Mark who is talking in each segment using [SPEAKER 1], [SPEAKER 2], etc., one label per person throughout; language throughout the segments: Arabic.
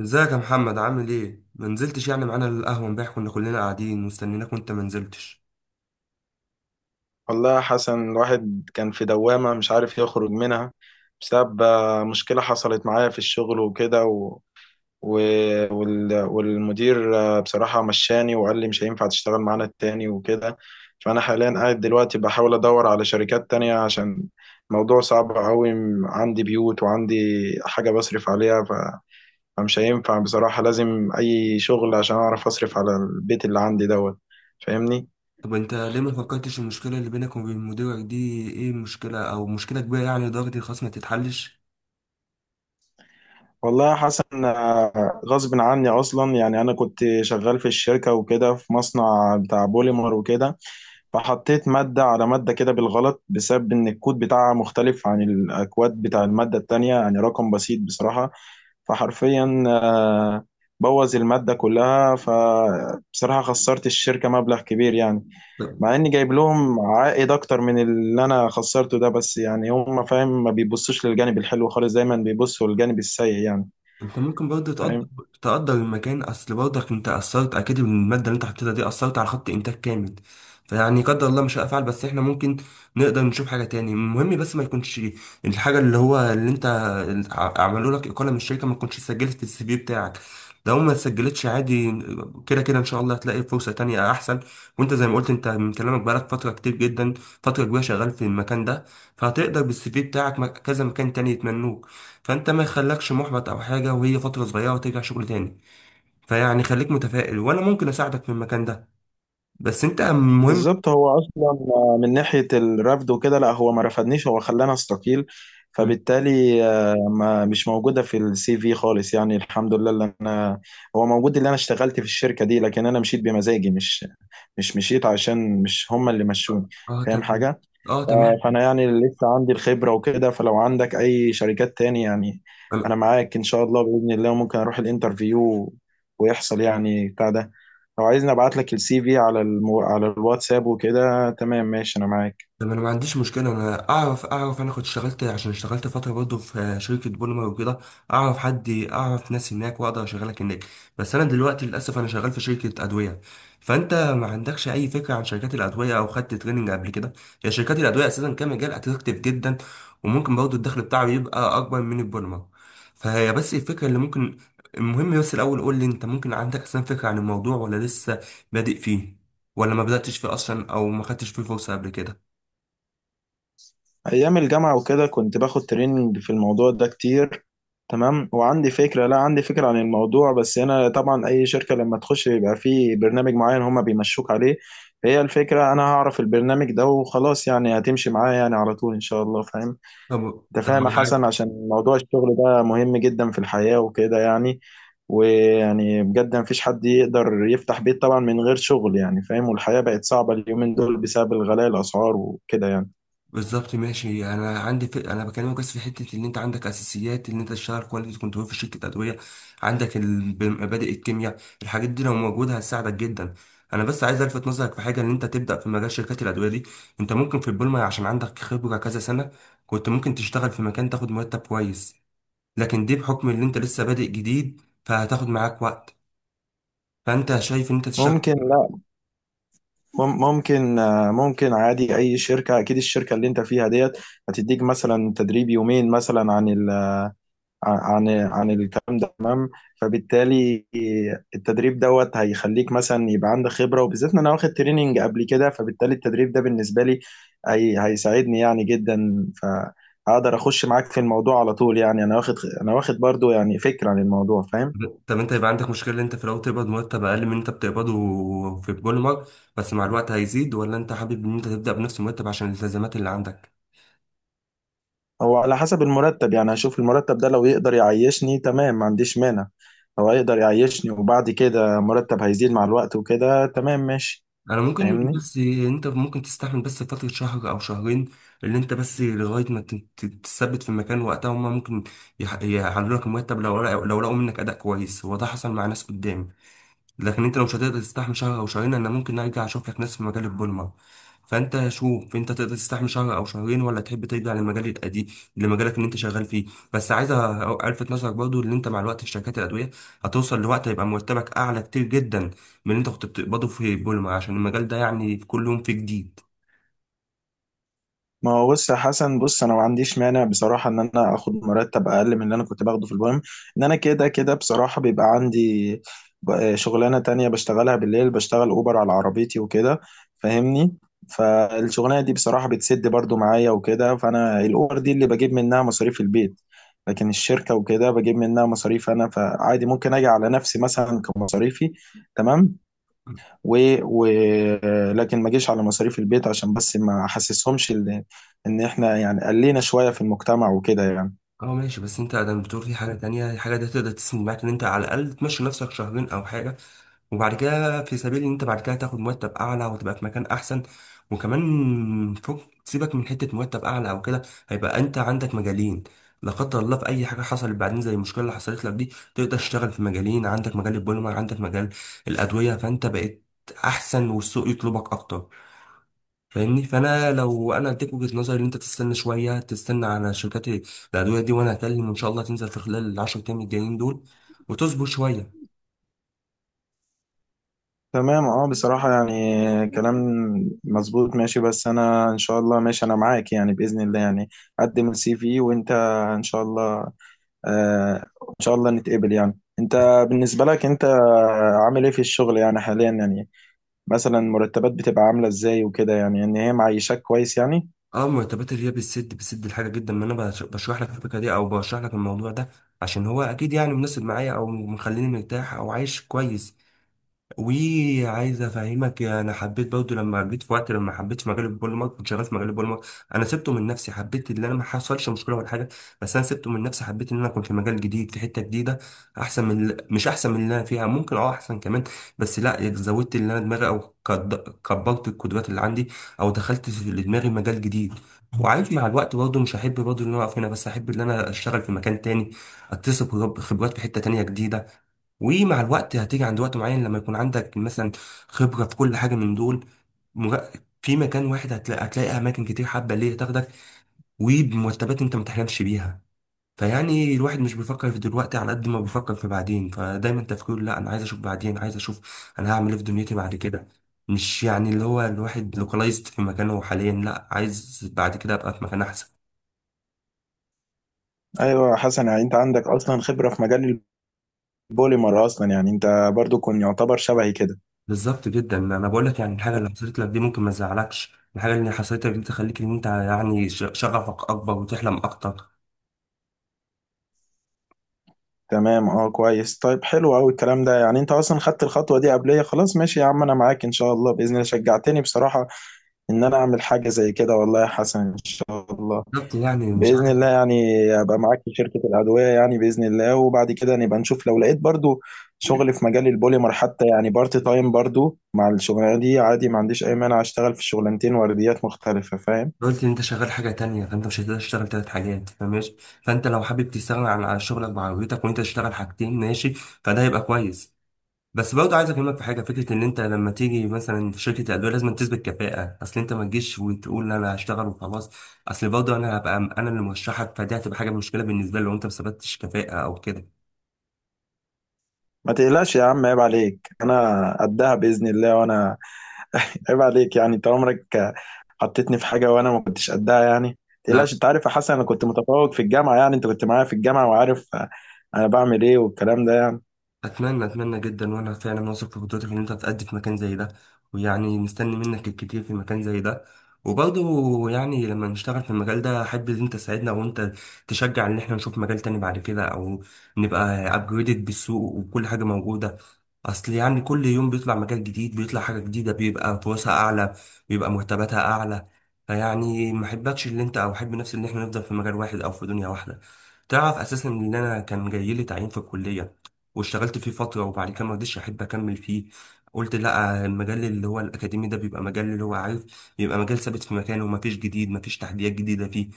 [SPEAKER 1] ازيك يا محمد؟ عامل ايه؟ ما نزلتش يعني معانا القهوه امبارح، كنا كلنا قاعدين مستنيناك وانت ما نزلتش.
[SPEAKER 2] والله يا حسن، الواحد كان في دوامة مش عارف يخرج منها بسبب مشكلة حصلت معايا في الشغل وكده و... والمدير، بصراحة مشاني وقال لي مش هينفع تشتغل معانا التاني وكده. فأنا حاليا قاعد دلوقتي بحاول أدور على شركات تانية، عشان موضوع صعب أوي. عندي بيوت وعندي حاجة بصرف عليها فمش هينفع. بصراحة لازم أي شغل عشان أعرف أصرف على البيت اللي عندي دوت. فاهمني؟
[SPEAKER 1] طب انت ليه ما فكرتش المشكله اللي بينك وبين مديرك دي؟ ايه المشكله؟ او مشكله كبيره يعني لدرجه الخصم ما تتحلش؟
[SPEAKER 2] والله يا حسن، غصب عني اصلا. يعني انا كنت شغال في الشركه وكده، في مصنع بتاع بوليمر وكده، فحطيت ماده على ماده كده بالغلط، بسبب ان الكود بتاعها مختلف عن الاكواد بتاع الماده التانية، يعني رقم بسيط بصراحه. فحرفيا بوظ الماده كلها. فبصراحه خسرت الشركه مبلغ كبير يعني، مع اني جايب لهم عائد اكتر من اللي انا خسرته ده. بس يعني هم فاهم، ما بيبصوش للجانب الحلو خالص، دايما بيبصوا للجانب السيء يعني
[SPEAKER 1] انت ممكن برضه تقدر،
[SPEAKER 2] فاهم.
[SPEAKER 1] تقدر المكان، اصل برضك انت اثرت، اكيد من الماده اللي انت حطيتها دي اثرت على خط انتاج كامل. فيعني قدر الله مش هفعل، بس احنا ممكن نقدر نشوف حاجه تاني. المهم بس ما يكونش الحاجه اللي هو اللي انت عملوا لك اقاله من الشركه ما تكونش اتسجلت في السي في بتاعك. لو ما اتسجلتش عادي، كده كده ان شاء الله هتلاقي فرصه تانية احسن. وانت زي ما قلت، انت من كلامك بقالك فتره كتير جدا، فتره كبيره شغال في المكان ده، فهتقدر بالسي في بتاعك كذا مكان تاني يتمنوك. فانت ما يخلكش محبط او حاجه، وهي فتره صغيره وترجع شغل تاني. فيعني خليك متفائل، وانا ممكن اساعدك في المكان ده، بس انت المهم.
[SPEAKER 2] بالظبط، هو اصلا من ناحيه الرفض وكده، لا، هو ما رفضنيش، هو خلاني استقيل. فبالتالي، ما مش موجوده في السي في خالص يعني. الحمد لله، اللي انا هو موجود اللي انا اشتغلت في الشركه دي، لكن انا مشيت بمزاجي، مش مشيت عشان مش هم اللي مشوني.
[SPEAKER 1] اه
[SPEAKER 2] فاهم
[SPEAKER 1] تمام.
[SPEAKER 2] حاجه.
[SPEAKER 1] اه تمام.
[SPEAKER 2] ف- فانا يعني لسه عندي الخبره وكده، فلو عندك اي شركات تاني يعني، انا معاك ان شاء الله، باذن الله ممكن اروح الانترفيو ويحصل يعني بتاع ده. لو عايزني ابعت لك السي في على على الواتساب وكده، تمام ماشي، انا معاك.
[SPEAKER 1] طب انا ما عنديش مشكله، انا اعرف، انا كنت اشتغلت، عشان اشتغلت فتره برضه في شركه بوليمر وكده، اعرف حد، اعرف ناس هناك واقدر اشغلك هناك. بس انا دلوقتي للاسف انا شغال في شركه ادويه. فانت ما عندكش اي فكره عن شركات الادويه؟ او خدت تريننج قبل كده؟ هي شركات الادويه اساسا كمجال اتراكتيف جدا، وممكن برضه الدخل بتاعه يبقى اكبر من البوليمر. فهي بس الفكره اللي ممكن. المهم بس الاول قول لي، انت ممكن عندك اصلا فكره عن الموضوع؟ ولا لسه بادئ فيه؟ ولا ما بداتش فيه اصلا، او ما خدتش فيه فرصه قبل كده؟
[SPEAKER 2] ايام الجامعه وكده كنت باخد تريننج في الموضوع ده كتير. تمام. وعندي فكره لا عندي فكره عن الموضوع، بس هنا طبعا اي شركه لما تخش بيبقى في برنامج معين هما بيمشوك عليه. فهي الفكره، انا هعرف البرنامج ده وخلاص يعني، هتمشي معايا يعني على طول ان شاء الله، فاهم.
[SPEAKER 1] طب
[SPEAKER 2] انت
[SPEAKER 1] طب
[SPEAKER 2] فاهم يا
[SPEAKER 1] انا عارف-.
[SPEAKER 2] حسن، عشان موضوع الشغل ده مهم جدا في الحياة وكده يعني. ويعني بجد مفيش حد يقدر يفتح بيت طبعا من غير شغل يعني، فاهم. والحياة بقت صعبة اليومين دول بسبب الغلاء الأسعار وكده يعني.
[SPEAKER 1] بالظبط، ماشي. انا عندي ف... انا بكلمك بس في حته ان انت عندك اساسيات ان انت تشتغل كواليتي كنترول في شركه ادويه. عندك مبادئ الكيمياء، الحاجات دي لو موجوده هتساعدك جدا. انا بس عايز الفت نظرك في حاجه، ان انت تبدا في مجال شركات الادويه دي. انت ممكن في البولما عشان عندك خبره كذا سنه، كنت ممكن تشتغل في مكان تاخد مرتب كويس. لكن دي بحكم ان انت لسه بادئ جديد، فهتاخد معاك وقت. فانت شايف ان انت تشتغل؟
[SPEAKER 2] ممكن، لا، ممكن، ممكن عادي أي شركة. أكيد الشركة اللي أنت فيها ديت هتديك مثلا تدريب يومين مثلا عن ال عن عن الكلام ده. فبالتالي التدريب دوت هيخليك مثلا يبقى عندك خبرة، وبالذات ان انا واخد تريننج قبل كده. فبالتالي التدريب ده بالنسبة لي هيساعدني يعني جدا، فهقدر اخش معاك في الموضوع على طول يعني. انا واخد برضو يعني فكرة عن الموضوع، فاهم.
[SPEAKER 1] طب انت يبقى عندك مشكلة ان انت في الاول تقبض مرتب اقل من اللي انت بتقبضه في البوليمر، بس مع الوقت هيزيد؟ ولا انت حابب ان انت تبدأ بنفس المرتب عشان الالتزامات اللي عندك؟
[SPEAKER 2] هو على حسب المرتب يعني، هشوف المرتب ده لو يقدر يعيشني تمام ما عنديش مانع. هو يقدر يعيشني، وبعد كده مرتب هيزيد مع الوقت وكده، تمام ماشي.
[SPEAKER 1] انا ممكن،
[SPEAKER 2] فاهمني.
[SPEAKER 1] بس انت ممكن تستحمل بس فترة شهر او شهرين اللي انت بس لغاية ما تثبت في مكان، وقتها هما ممكن يعلوا لك المرتب، لو لقوا منك اداء كويس، هو ده حصل مع ناس قدامي. لكن انت لو مش هتقدر تستحمل شهر او شهرين، انا ممكن ارجع اشوف لك ناس في مجال البوليمر. فانت شوف انت تقدر تستحمل شهر او شهرين، ولا تحب ترجع للمجال القديم، لمجالك اللي انت شغال فيه. بس عايز الفت نظرك برضو ان انت مع الوقت في شركات الادويه، هتوصل لوقت هيبقى مرتبك اعلى كتير جدا من اللي انت كنت بتقبضه في البوليمر، عشان المجال ده يعني في كل يوم فيه جديد.
[SPEAKER 2] ما هو بص يا حسن، بص، انا ما عنديش مانع بصراحه ان انا اخد مرتب اقل من اللي انا كنت باخده في البوم. ان انا كده كده بصراحه بيبقى عندي، شغلانه تانية بشتغلها بالليل، بشتغل اوبر على عربيتي وكده، فاهمني. فالشغلانه دي بصراحه بتسد برضو معايا وكده. فانا الاوبر دي اللي بجيب منها مصاريف البيت، لكن الشركه وكده بجيب منها مصاريف انا. فعادي ممكن اجي على نفسي مثلا كمصاريفي، تمام، و... و... لكن ما جيش على مصاريف البيت، عشان بس ما احسسهمش ان احنا يعني قلينا شوية في المجتمع وكده يعني.
[SPEAKER 1] اه ماشي، بس انت ادم بتقول في حاجه تانية، الحاجه دي تقدر تسند معاك ان انت على الاقل تمشي نفسك شهرين او حاجه، وبعد كده في سبيل ان انت بعد كده تاخد مرتب اعلى وتبقى في مكان احسن. وكمان فوق سيبك من حته مرتب اعلى او كده، هيبقى انت عندك مجالين. لا قدر الله في اي حاجه حصلت بعدين زي المشكله اللي حصلت لك دي، تقدر تشتغل في مجالين، عندك مجال البوليمر، عندك مجال الادويه. فانت بقيت احسن، والسوق يطلبك اكتر. فاهمني؟ فانا لو انا اديك وجهة نظري، ان انت تستنى شويه، تستنى على شركات الادويه دي، وانا هكلم وان شاء الله تنزل في خلال العشر ايام الجايين دول، وتصبر شويه.
[SPEAKER 2] تمام، اه، بصراحة يعني كلام مظبوط. ماشي، بس انا ان شاء الله، ماشي انا معاك يعني، بإذن الله يعني، قدم السي في وانت ان شاء الله، آه، ان شاء الله نتقبل يعني. انت بالنسبة لك، انت عامل ايه في الشغل يعني حاليا يعني؟ مثلا مرتبات بتبقى عاملة ازاي وكده يعني، ان هي معيشاك كويس يعني؟
[SPEAKER 1] اه، مرتبات الريا بتسد، بتسد الحاجه جدا. ما انا بشرح لك الفكره دي، او بشرح لك الموضوع ده عشان هو اكيد يعني مناسب معايا، او مخليني مرتاح او عايش كويس. وعايز افهمك، انا حبيت برضه لما جيت في وقت لما حبيت مجال البوليمر، كنت شغال في مجال البوليمر، انا سبته من نفسي، حبيت ان انا ما حصلش مشكله ولا حاجه، بس انا سبته من نفسي. حبيت ان انا كنت في مجال جديد في حته جديده، احسن من مش احسن من اللي انا فيها، ممكن اه احسن كمان، بس لا زودت اللي انا دماغي او كبرت القدرات اللي عندي، او دخلت في دماغي مجال جديد. وعايش مع الوقت برضه مش هحب برضه ان انا اقف هنا، بس احب ان انا اشتغل في مكان تاني، اكتسب خبرات في حته تانيه جديده. ومع الوقت هتيجي عند وقت معين لما يكون عندك مثلا خبرة في كل حاجة من دول، مر- في مكان واحد هتلاقي, أماكن كتير حابة ليه تاخدك، وبمرتبات أنت ما تحلمش بيها. فيعني الواحد مش بيفكر في دلوقتي على قد ما بيفكر في بعدين. فدايما تفكيره، لا أنا عايز أشوف بعدين، عايز أشوف أنا هعمل إيه في دنيتي بعد كده. مش يعني اللي هو الواحد لوكالايزد في مكانه حاليا، لا عايز بعد كده أبقى في مكان أحسن.
[SPEAKER 2] ايوه يا حسن، يعني انت عندك اصلا خبرة في مجال بوليمر اصلا يعني. انت برضو كنت يعتبر شبهي كده.
[SPEAKER 1] بالظبط جدا، انا بقول لك، يعني الحاجه اللي حصلت لك دي ممكن ما تزعلكش، الحاجه اللي حصلت لك دي تخليك ان انت يعني شغفك اكبر وتحلم اكتر.
[SPEAKER 2] تمام، اه، كويس، طيب، حلو قوي الكلام ده يعني. انت اصلا خدت الخطوه دي قبليه، خلاص ماشي يا عم، انا معاك ان شاء الله، باذن الله. شجعتني بصراحه ان انا اعمل حاجه زي كده، والله يا حسن. ان شاء الله،
[SPEAKER 1] بالظبط يعني مش
[SPEAKER 2] باذن
[SPEAKER 1] عارف.
[SPEAKER 2] الله يعني ابقى معاك في شركه الادويه يعني باذن الله، وبعد كده نبقى نشوف. لو لقيت برضو شغل في مجال البوليمر حتى يعني بارت تايم، برضو مع الشغلانه دي عادي ما عنديش اي مانع، اشتغل في شغلانتين ورديات مختلفه، فاهم.
[SPEAKER 1] قلت ان انت شغال حاجه تانية، فانت مش هتقدر تشتغل تلات حاجات فماشي. فانت لو حابب تستغنى عن شغلك وعربيتك وانت تشتغل حاجتين، ماشي، فده هيبقى كويس. بس برضه عايز اكلمك في حاجه، فكره ان انت لما تيجي مثلا في شركه ادويه لازم تثبت كفاءه، اصل انت ما تجيش وتقول انا هشتغل وخلاص. اصل برضه انا هبقى انا اللي مرشحك، فدي هتبقى حاجه مشكله بالنسبه لي لو انت ما ثبتتش كفاءه او كده.
[SPEAKER 2] ما تقلقش يا عم، عيب عليك، انا قدها باذن الله. وانا عيب عليك يعني، انت عمرك حطيتني في حاجه وانا ما كنتش قدها يعني؟ ما
[SPEAKER 1] لا.
[SPEAKER 2] تقلقش. انت عارف يا حسن، انا كنت متفوق في الجامعه يعني، انت كنت معايا في الجامعه وعارف انا بعمل ايه والكلام ده يعني.
[SPEAKER 1] اتمنى جدا، وانا فعلا واثق في قدرتك ان انت هتأدي في مكان زي ده، ويعني مستني منك الكتير في مكان زي ده. وبرضه يعني لما نشتغل في المجال ده، احب ان انت تساعدنا، وانت تشجع ان احنا نشوف مجال تاني بعد كده، او نبقى ابجريدد بالسوق وكل حاجه موجوده. اصل يعني كل يوم بيطلع مجال جديد، بيطلع حاجة جديدة، بيبقى فرصها اعلى، بيبقى مرتباتها اعلى. فيعني ما احبكش اللي انت، او احب نفسي ان احنا نفضل في مجال واحد او في دنيا واحدة. تعرف اساسا ان انا كان جاي لي تعيين في الكلية، واشتغلت فيه فترة وبعد كده ما رضيتش، احب اكمل فيه. قلت لا، المجال اللي هو الاكاديمي ده بيبقى مجال اللي هو عارف، بيبقى مجال ثابت في مكانه ومفيش جديد، مفيش تحديات جديدة فيه.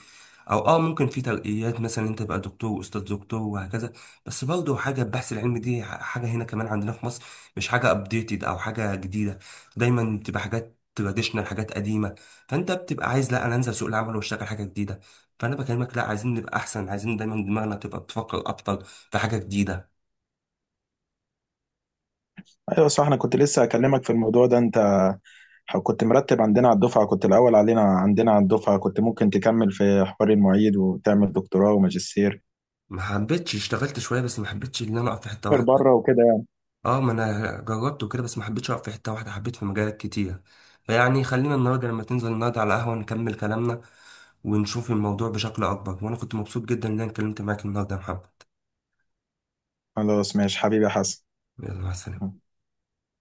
[SPEAKER 1] او اه ممكن في ترقيات، مثلا انت تبقى دكتور واستاذ دكتور وهكذا. بس برضه حاجة البحث العلمي دي حاجة هنا كمان عندنا في مصر، مش حاجة ابديتد او حاجة جديدة، دايما بتبقى حاجات تراديشنال، حاجات قديمة. فانت بتبقى عايز لا انا انزل سوق العمل واشتغل حاجة جديدة. فانا بكلمك لا، عايزين نبقى احسن، عايزين دايما دماغنا تبقى بتفكر اكتر في حاجة جديدة.
[SPEAKER 2] ايوه صح، انا كنت لسه اكلمك في الموضوع ده. انت كنت مرتب عندنا على الدفعه، كنت الاول علينا عندنا على الدفعه، كنت ممكن تكمل في حوار المعيد وتعمل دكتوراه وماجستير
[SPEAKER 1] ما حبيتش، اشتغلت شوية بس ما حبيتش ان انا اقف في حتة واحدة.
[SPEAKER 2] بره وكده يعني.
[SPEAKER 1] اه ما انا جربت وكده بس ما حبيتش اقف في حتة واحدة، حبيت في مجالات كتير. فيعني خلينا النهارده لما تنزل، النهارده على قهوة نكمل كلامنا، ونشوف الموضوع بشكل اكبر. وانا كنت مبسوط جدا ان انا اتكلمت معاك النهارده يا محمد.
[SPEAKER 2] خلاص ماشي حبيبي يا حسن.
[SPEAKER 1] يلا، مع السلامة.